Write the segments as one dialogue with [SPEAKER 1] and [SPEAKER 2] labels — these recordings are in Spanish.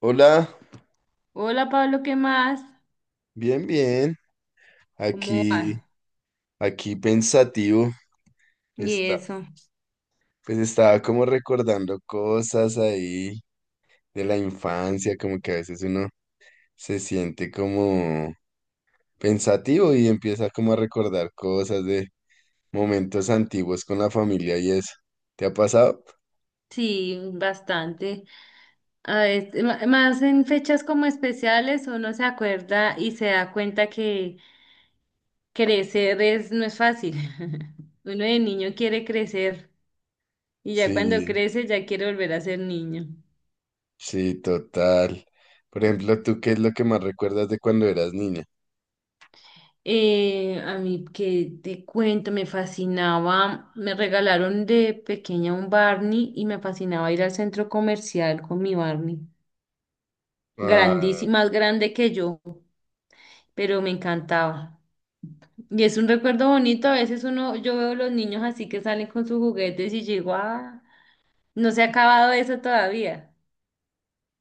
[SPEAKER 1] Hola,
[SPEAKER 2] Hola Pablo, ¿qué más?
[SPEAKER 1] bien, bien.
[SPEAKER 2] ¿Cómo vas?
[SPEAKER 1] Aquí, aquí pensativo.
[SPEAKER 2] Y
[SPEAKER 1] Está,
[SPEAKER 2] eso,
[SPEAKER 1] pues estaba como recordando cosas ahí de la infancia, como que a veces uno se siente como pensativo y empieza como a recordar cosas de momentos antiguos con la familia y eso. ¿Te ha pasado?
[SPEAKER 2] sí, bastante. A veces, más en fechas como especiales uno se acuerda y se da cuenta que crecer es, no es fácil. Uno de niño quiere crecer y ya cuando
[SPEAKER 1] Sí,
[SPEAKER 2] crece ya quiere volver a ser niño.
[SPEAKER 1] sí, total. Por ejemplo, ¿tú qué es lo que más recuerdas de cuando eras niña?
[SPEAKER 2] A mí que te cuento, me fascinaba, me regalaron de pequeña un Barney y me fascinaba ir al centro comercial con mi Barney.
[SPEAKER 1] Ah.
[SPEAKER 2] Grandísima, más grande que yo, pero me encantaba. Y es un recuerdo bonito, a veces uno, yo veo los niños así que salen con sus juguetes y digo, ah, no se ha acabado eso todavía.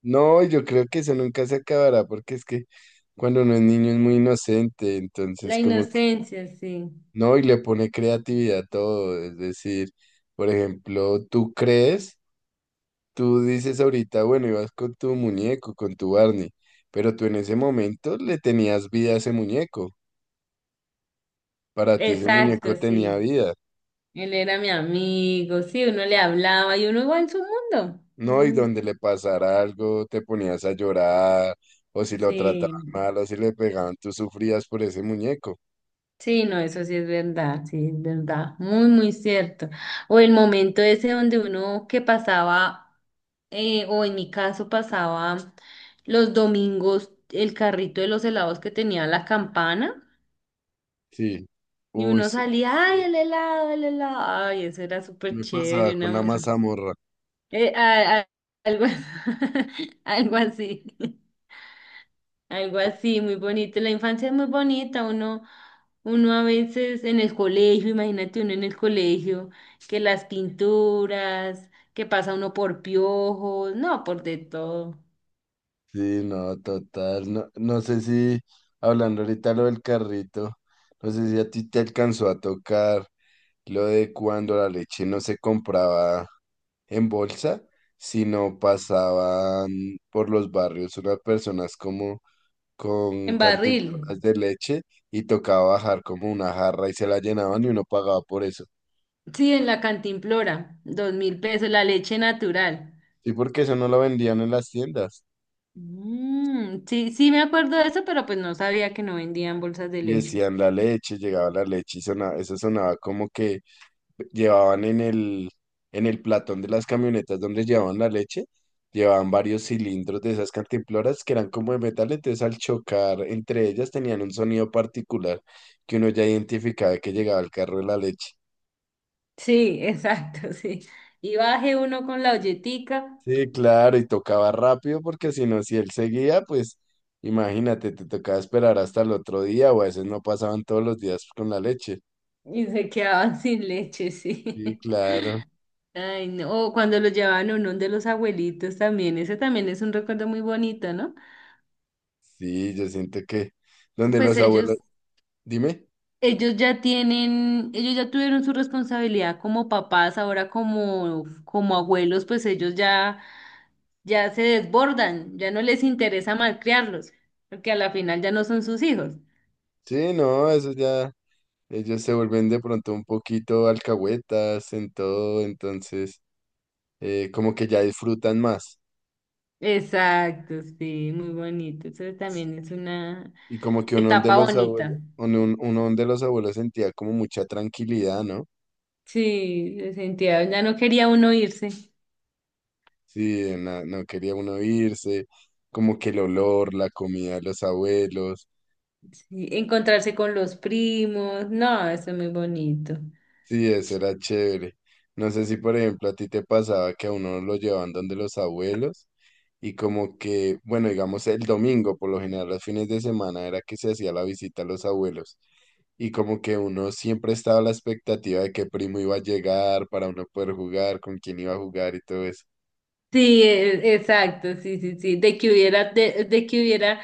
[SPEAKER 1] No, yo creo que eso nunca se acabará porque es que cuando uno es niño es muy inocente, entonces
[SPEAKER 2] La
[SPEAKER 1] como que
[SPEAKER 2] inocencia, sí.
[SPEAKER 1] no, y le pone creatividad a todo, es decir, por ejemplo, tú crees, tú dices ahorita, bueno, ibas con tu muñeco, con tu Barney, pero tú en ese momento le tenías vida a ese muñeco, para ti ese
[SPEAKER 2] Exacto,
[SPEAKER 1] muñeco
[SPEAKER 2] sí.
[SPEAKER 1] tenía vida,
[SPEAKER 2] Él era mi amigo, sí, uno le hablaba y uno iba en su mundo.
[SPEAKER 1] ¿no? Y
[SPEAKER 2] Mm,
[SPEAKER 1] donde le pasara algo, te ponías a llorar, o si lo trataban
[SPEAKER 2] sí.
[SPEAKER 1] mal, o si le pegaban, tú sufrías por ese muñeco.
[SPEAKER 2] Sí, no, eso sí, es verdad, muy, muy cierto. O el momento ese donde uno que pasaba, o en mi caso pasaba los domingos el carrito de los helados que tenía la campana
[SPEAKER 1] Sí.
[SPEAKER 2] y
[SPEAKER 1] Uy,
[SPEAKER 2] uno
[SPEAKER 1] súper
[SPEAKER 2] salía, ay,
[SPEAKER 1] chévere.
[SPEAKER 2] el helado, ay, eso era súper
[SPEAKER 1] Me pasa
[SPEAKER 2] chévere,
[SPEAKER 1] con
[SPEAKER 2] una
[SPEAKER 1] la
[SPEAKER 2] emoción.
[SPEAKER 1] mazamorra.
[SPEAKER 2] Eh, a- a- Algo, algo así, algo así, muy bonito. La infancia es muy bonita, uno a veces en el colegio, imagínate uno en el colegio, que las pinturas, que pasa uno por piojos, no, por de todo,
[SPEAKER 1] Sí, no, total. No, no sé si, hablando ahorita lo del carrito, no sé si a ti te alcanzó a tocar lo de cuando la leche no se compraba en bolsa, sino pasaban por los barrios unas personas como con
[SPEAKER 2] en
[SPEAKER 1] cantimploras
[SPEAKER 2] barril.
[SPEAKER 1] de leche y tocaba bajar como una jarra y se la llenaban y uno pagaba por eso.
[SPEAKER 2] Sí, en la cantimplora, 2.000 pesos, la leche natural.
[SPEAKER 1] Sí, porque eso no lo vendían en las tiendas.
[SPEAKER 2] Mm, sí, sí me acuerdo de eso, pero pues no sabía que no vendían bolsas de
[SPEAKER 1] Y
[SPEAKER 2] leche.
[SPEAKER 1] decían la leche, llegaba la leche y sonaba, eso sonaba como que llevaban en el platón de las camionetas donde llevaban la leche, llevaban varios cilindros de esas cantimploras que eran como de metal, entonces al chocar entre ellas tenían un sonido particular que uno ya identificaba que llegaba el carro de la leche.
[SPEAKER 2] Sí, exacto, sí. Y bajé uno con la olletica
[SPEAKER 1] Sí, claro, y tocaba rápido porque si no, si él seguía, pues imagínate, te tocaba esperar hasta el otro día o a veces no pasaban todos los días con la leche.
[SPEAKER 2] y se quedaban sin leche, sí.
[SPEAKER 1] Sí, claro.
[SPEAKER 2] Ay, no. O cuando lo llevaban a uno de los abuelitos también, ese también es un recuerdo muy bonito, ¿no?
[SPEAKER 1] Sí, yo siento que donde
[SPEAKER 2] Pues
[SPEAKER 1] los abuelos,
[SPEAKER 2] ellos,
[SPEAKER 1] dime,
[SPEAKER 2] Ellos ya tienen, ellos ya tuvieron su responsabilidad como papás, ahora como, como abuelos, pues ellos ya, ya se desbordan, ya no les interesa malcriarlos, porque a la final ya no son sus hijos.
[SPEAKER 1] sí, no, eso ya, ellos se vuelven de pronto un poquito alcahuetas en todo, entonces como que ya disfrutan más
[SPEAKER 2] Exacto, sí, muy bonito. Eso también es una
[SPEAKER 1] y como que
[SPEAKER 2] etapa bonita.
[SPEAKER 1] uno de los abuelos sentía como mucha tranquilidad, ¿no?
[SPEAKER 2] Sí, se sentía, ya no quería uno irse,
[SPEAKER 1] Sí, no, no quería uno irse, como que el olor, la comida de los abuelos.
[SPEAKER 2] sí, encontrarse con los primos, no, eso es muy bonito.
[SPEAKER 1] Sí, eso era chévere. No sé si, por ejemplo, a ti te pasaba que a uno lo llevaban donde los abuelos y como que, bueno, digamos el domingo, por lo general los fines de semana era que se hacía la visita a los abuelos y como que uno siempre estaba a la expectativa de qué primo iba a llegar para uno poder jugar, con quién iba a jugar y todo eso.
[SPEAKER 2] Sí, exacto, sí, sí, sí, de que hubiera, de que hubiera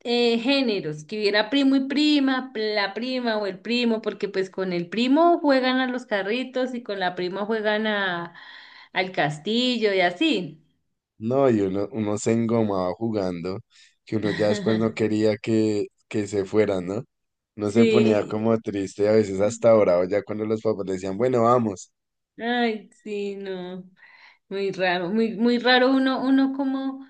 [SPEAKER 2] géneros, que hubiera primo y prima, la prima o el primo, porque pues con el primo juegan a los carritos y con la prima juegan a, al castillo y así.
[SPEAKER 1] No, y uno se engomaba jugando, que uno ya después no quería que se fueran, ¿no? No se ponía
[SPEAKER 2] Sí,
[SPEAKER 1] como triste, a veces hasta bravo, ya cuando los papás decían, bueno, vamos.
[SPEAKER 2] ay, sí, no, muy raro, muy, muy raro uno, uno como,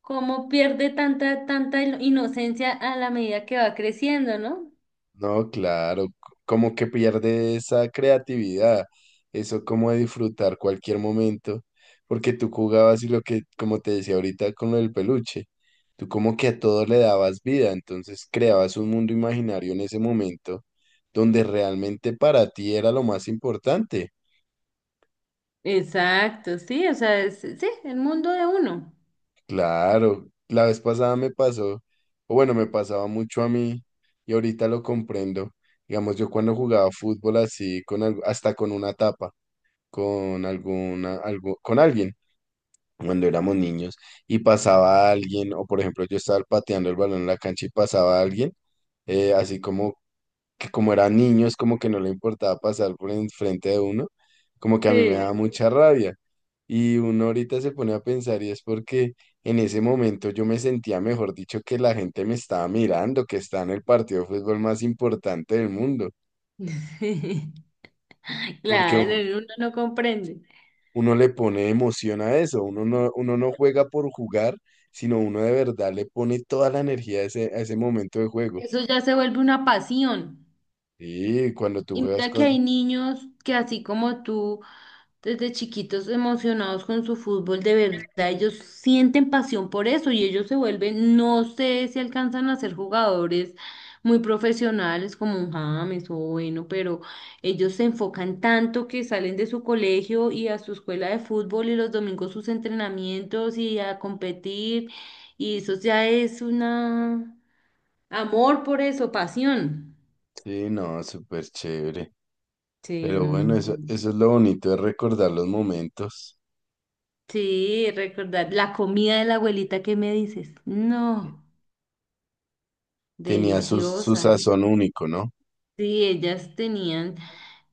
[SPEAKER 2] como pierde tanta, tanta inocencia a la medida que va creciendo, ¿no?
[SPEAKER 1] No, claro, como que pierde esa creatividad, eso como de disfrutar cualquier momento, porque tú jugabas y lo que, como te decía ahorita con lo del peluche, tú como que a todo le dabas vida, entonces creabas un mundo imaginario en ese momento donde realmente para ti era lo más importante.
[SPEAKER 2] Exacto, sí, o sea, sí, el mundo de uno.
[SPEAKER 1] Claro, la vez pasada me pasó, o bueno, me pasaba mucho a mí y ahorita lo comprendo. Digamos, yo cuando jugaba fútbol así, hasta con una tapa con alguna, algo, con alguien cuando éramos niños y pasaba alguien, o por ejemplo yo estaba pateando el balón en la cancha y pasaba alguien, así como que como eran niños, como que no le importaba pasar por enfrente de uno, como que a mí me
[SPEAKER 2] Sí.
[SPEAKER 1] daba mucha rabia. Y uno ahorita se pone a pensar y es porque en ese momento yo me sentía, mejor dicho, que la gente me estaba mirando, que está en el partido de fútbol más importante del mundo,
[SPEAKER 2] Sí,
[SPEAKER 1] porque
[SPEAKER 2] claro,
[SPEAKER 1] uno
[SPEAKER 2] uno no comprende.
[SPEAKER 1] uno le pone emoción a eso, uno no juega por jugar, sino uno de verdad le pone toda la energía a ese momento de juego.
[SPEAKER 2] Eso ya se vuelve una pasión.
[SPEAKER 1] Y cuando tú
[SPEAKER 2] Y
[SPEAKER 1] juegas
[SPEAKER 2] mira que
[SPEAKER 1] con...
[SPEAKER 2] hay niños que así como tú desde chiquitos emocionados con su fútbol, de verdad, ellos sienten pasión por eso y ellos se vuelven, no sé si alcanzan a ser jugadores muy profesionales como un James o bueno, pero ellos se enfocan tanto que salen de su colegio y a su escuela de fútbol y los domingos sus entrenamientos y a competir y eso ya es una amor por eso, pasión.
[SPEAKER 1] Sí, no, súper chévere.
[SPEAKER 2] Sí,
[SPEAKER 1] Pero
[SPEAKER 2] no, muy
[SPEAKER 1] bueno, eso,
[SPEAKER 2] bonito.
[SPEAKER 1] eso es lo bonito de recordar los momentos.
[SPEAKER 2] Sí, recordar la comida de la abuelita. ¿Qué me dices? No,
[SPEAKER 1] Tenía su
[SPEAKER 2] deliciosa.
[SPEAKER 1] sazón único, ¿no?
[SPEAKER 2] Sí, ellas tenían,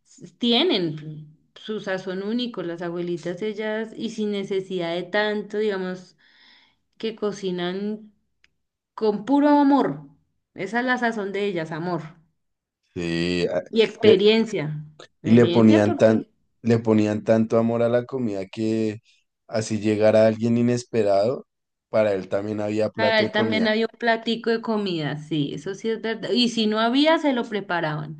[SPEAKER 2] tienen su sazón único, las abuelitas ellas, y sin necesidad de tanto, digamos, que cocinan con puro amor. Esa es la sazón de ellas, amor.
[SPEAKER 1] Sí,
[SPEAKER 2] Y
[SPEAKER 1] le-
[SPEAKER 2] experiencia.
[SPEAKER 1] y le
[SPEAKER 2] Experiencia
[SPEAKER 1] ponían tan,
[SPEAKER 2] porque
[SPEAKER 1] le ponían tanto amor a la comida que así llegara alguien inesperado, para él también había
[SPEAKER 2] para
[SPEAKER 1] plato de
[SPEAKER 2] él también
[SPEAKER 1] comida.
[SPEAKER 2] había un platico de comida, sí, eso sí es verdad. Y si no había, se lo preparaban.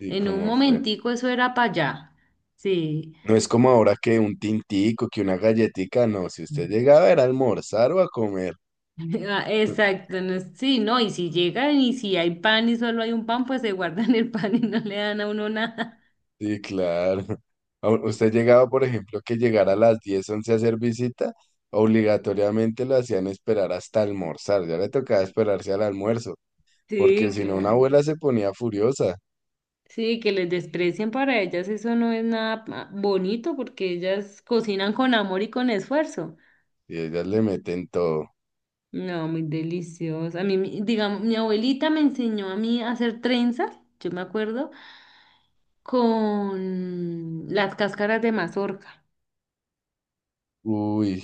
[SPEAKER 1] Y
[SPEAKER 2] En un
[SPEAKER 1] como fue.
[SPEAKER 2] momentico eso era para allá. Sí.
[SPEAKER 1] No es como ahora que un tintico, que una galletica, no. Si usted
[SPEAKER 2] Mm.
[SPEAKER 1] llegaba era a almorzar o a comer.
[SPEAKER 2] Ah, exacto, sí, no, y si llegan y si hay pan y solo hay un pan, pues se guardan el pan y no le dan a uno nada.
[SPEAKER 1] Sí, claro. Usted llegaba, por ejemplo, que llegara a las 10 u 11 a hacer visita, obligatoriamente lo hacían esperar hasta almorzar. Ya le tocaba esperarse al almuerzo, porque
[SPEAKER 2] Sí,
[SPEAKER 1] si no, una
[SPEAKER 2] claro.
[SPEAKER 1] abuela se ponía furiosa
[SPEAKER 2] Sí, que les desprecien para ellas, eso no es nada bonito porque ellas cocinan con amor y con esfuerzo.
[SPEAKER 1] y ellas le meten todo.
[SPEAKER 2] No, muy delicioso. A mí, digamos, mi abuelita me enseñó a mí a hacer trenzas, yo me acuerdo, con las cáscaras de mazorca.
[SPEAKER 1] Uy,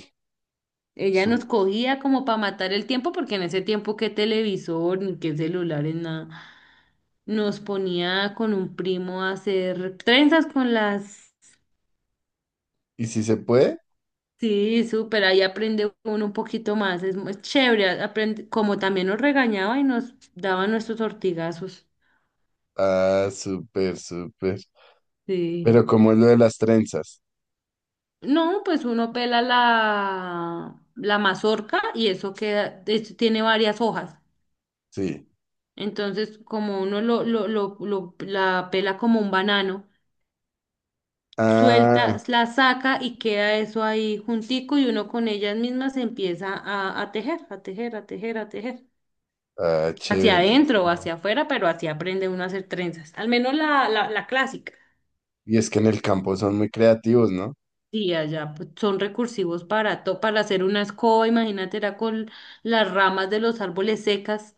[SPEAKER 2] Ella nos
[SPEAKER 1] su-
[SPEAKER 2] cogía como para matar el tiempo, porque en ese tiempo qué televisor, ni qué celulares, nada. Nos ponía con un primo a hacer trenzas con las...
[SPEAKER 1] ¿y si se puede?
[SPEAKER 2] Sí, súper, ahí aprende uno un poquito más, es muy chévere, aprende, como también nos regañaba y nos daba nuestros ortigazos.
[SPEAKER 1] Ah, súper, súper.
[SPEAKER 2] Sí.
[SPEAKER 1] Pero ¿cómo es lo de las trenzas?
[SPEAKER 2] No, pues uno pela la, la mazorca y eso queda, tiene varias hojas.
[SPEAKER 1] Sí.
[SPEAKER 2] Entonces, como uno la pela como un banano,
[SPEAKER 1] Ah,
[SPEAKER 2] suelta, la saca y queda eso ahí juntico y uno con ellas mismas empieza a tejer, a tejer, a tejer, a tejer. Hacia
[SPEAKER 1] chévere.
[SPEAKER 2] adentro o hacia afuera, pero así aprende uno a hacer trenzas. Al menos la clásica.
[SPEAKER 1] Y es que en el campo son muy creativos, ¿no?
[SPEAKER 2] Sí, allá pues, son recursivos para, para hacer una escoba. Imagínate, era con las ramas de los árboles secas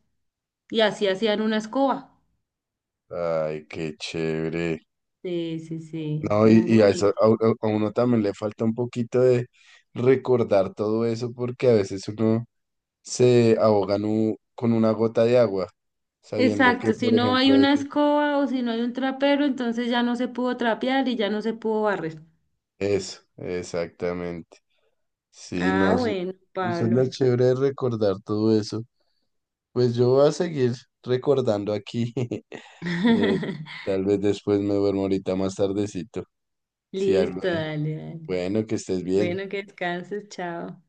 [SPEAKER 2] y así hacían una escoba.
[SPEAKER 1] Ay, qué chévere.
[SPEAKER 2] Sí, sí, sí,
[SPEAKER 1] No, y,
[SPEAKER 2] muy
[SPEAKER 1] y a eso
[SPEAKER 2] bonito.
[SPEAKER 1] a, u- a uno también le falta un poquito de recordar todo eso porque a veces uno se ahoga en con una gota de agua, sabiendo que,
[SPEAKER 2] Exacto, si
[SPEAKER 1] por
[SPEAKER 2] no hay
[SPEAKER 1] ejemplo,
[SPEAKER 2] una
[SPEAKER 1] ellos-
[SPEAKER 2] escoba o si no hay un trapero, entonces ya no se pudo trapear y ya no se pudo barrer.
[SPEAKER 1] Eso, exactamente. Sí, no,
[SPEAKER 2] Ah,
[SPEAKER 1] eso,
[SPEAKER 2] bueno,
[SPEAKER 1] eso es lo
[SPEAKER 2] Pablo.
[SPEAKER 1] chévere de recordar todo eso. Pues yo voy a seguir recordando aquí. Eh, Tal vez después me duermo ahorita más tardecito, si algo.
[SPEAKER 2] Listo, dale, dale.
[SPEAKER 1] Bueno, que estés bien.
[SPEAKER 2] Bueno, que descanses, chao.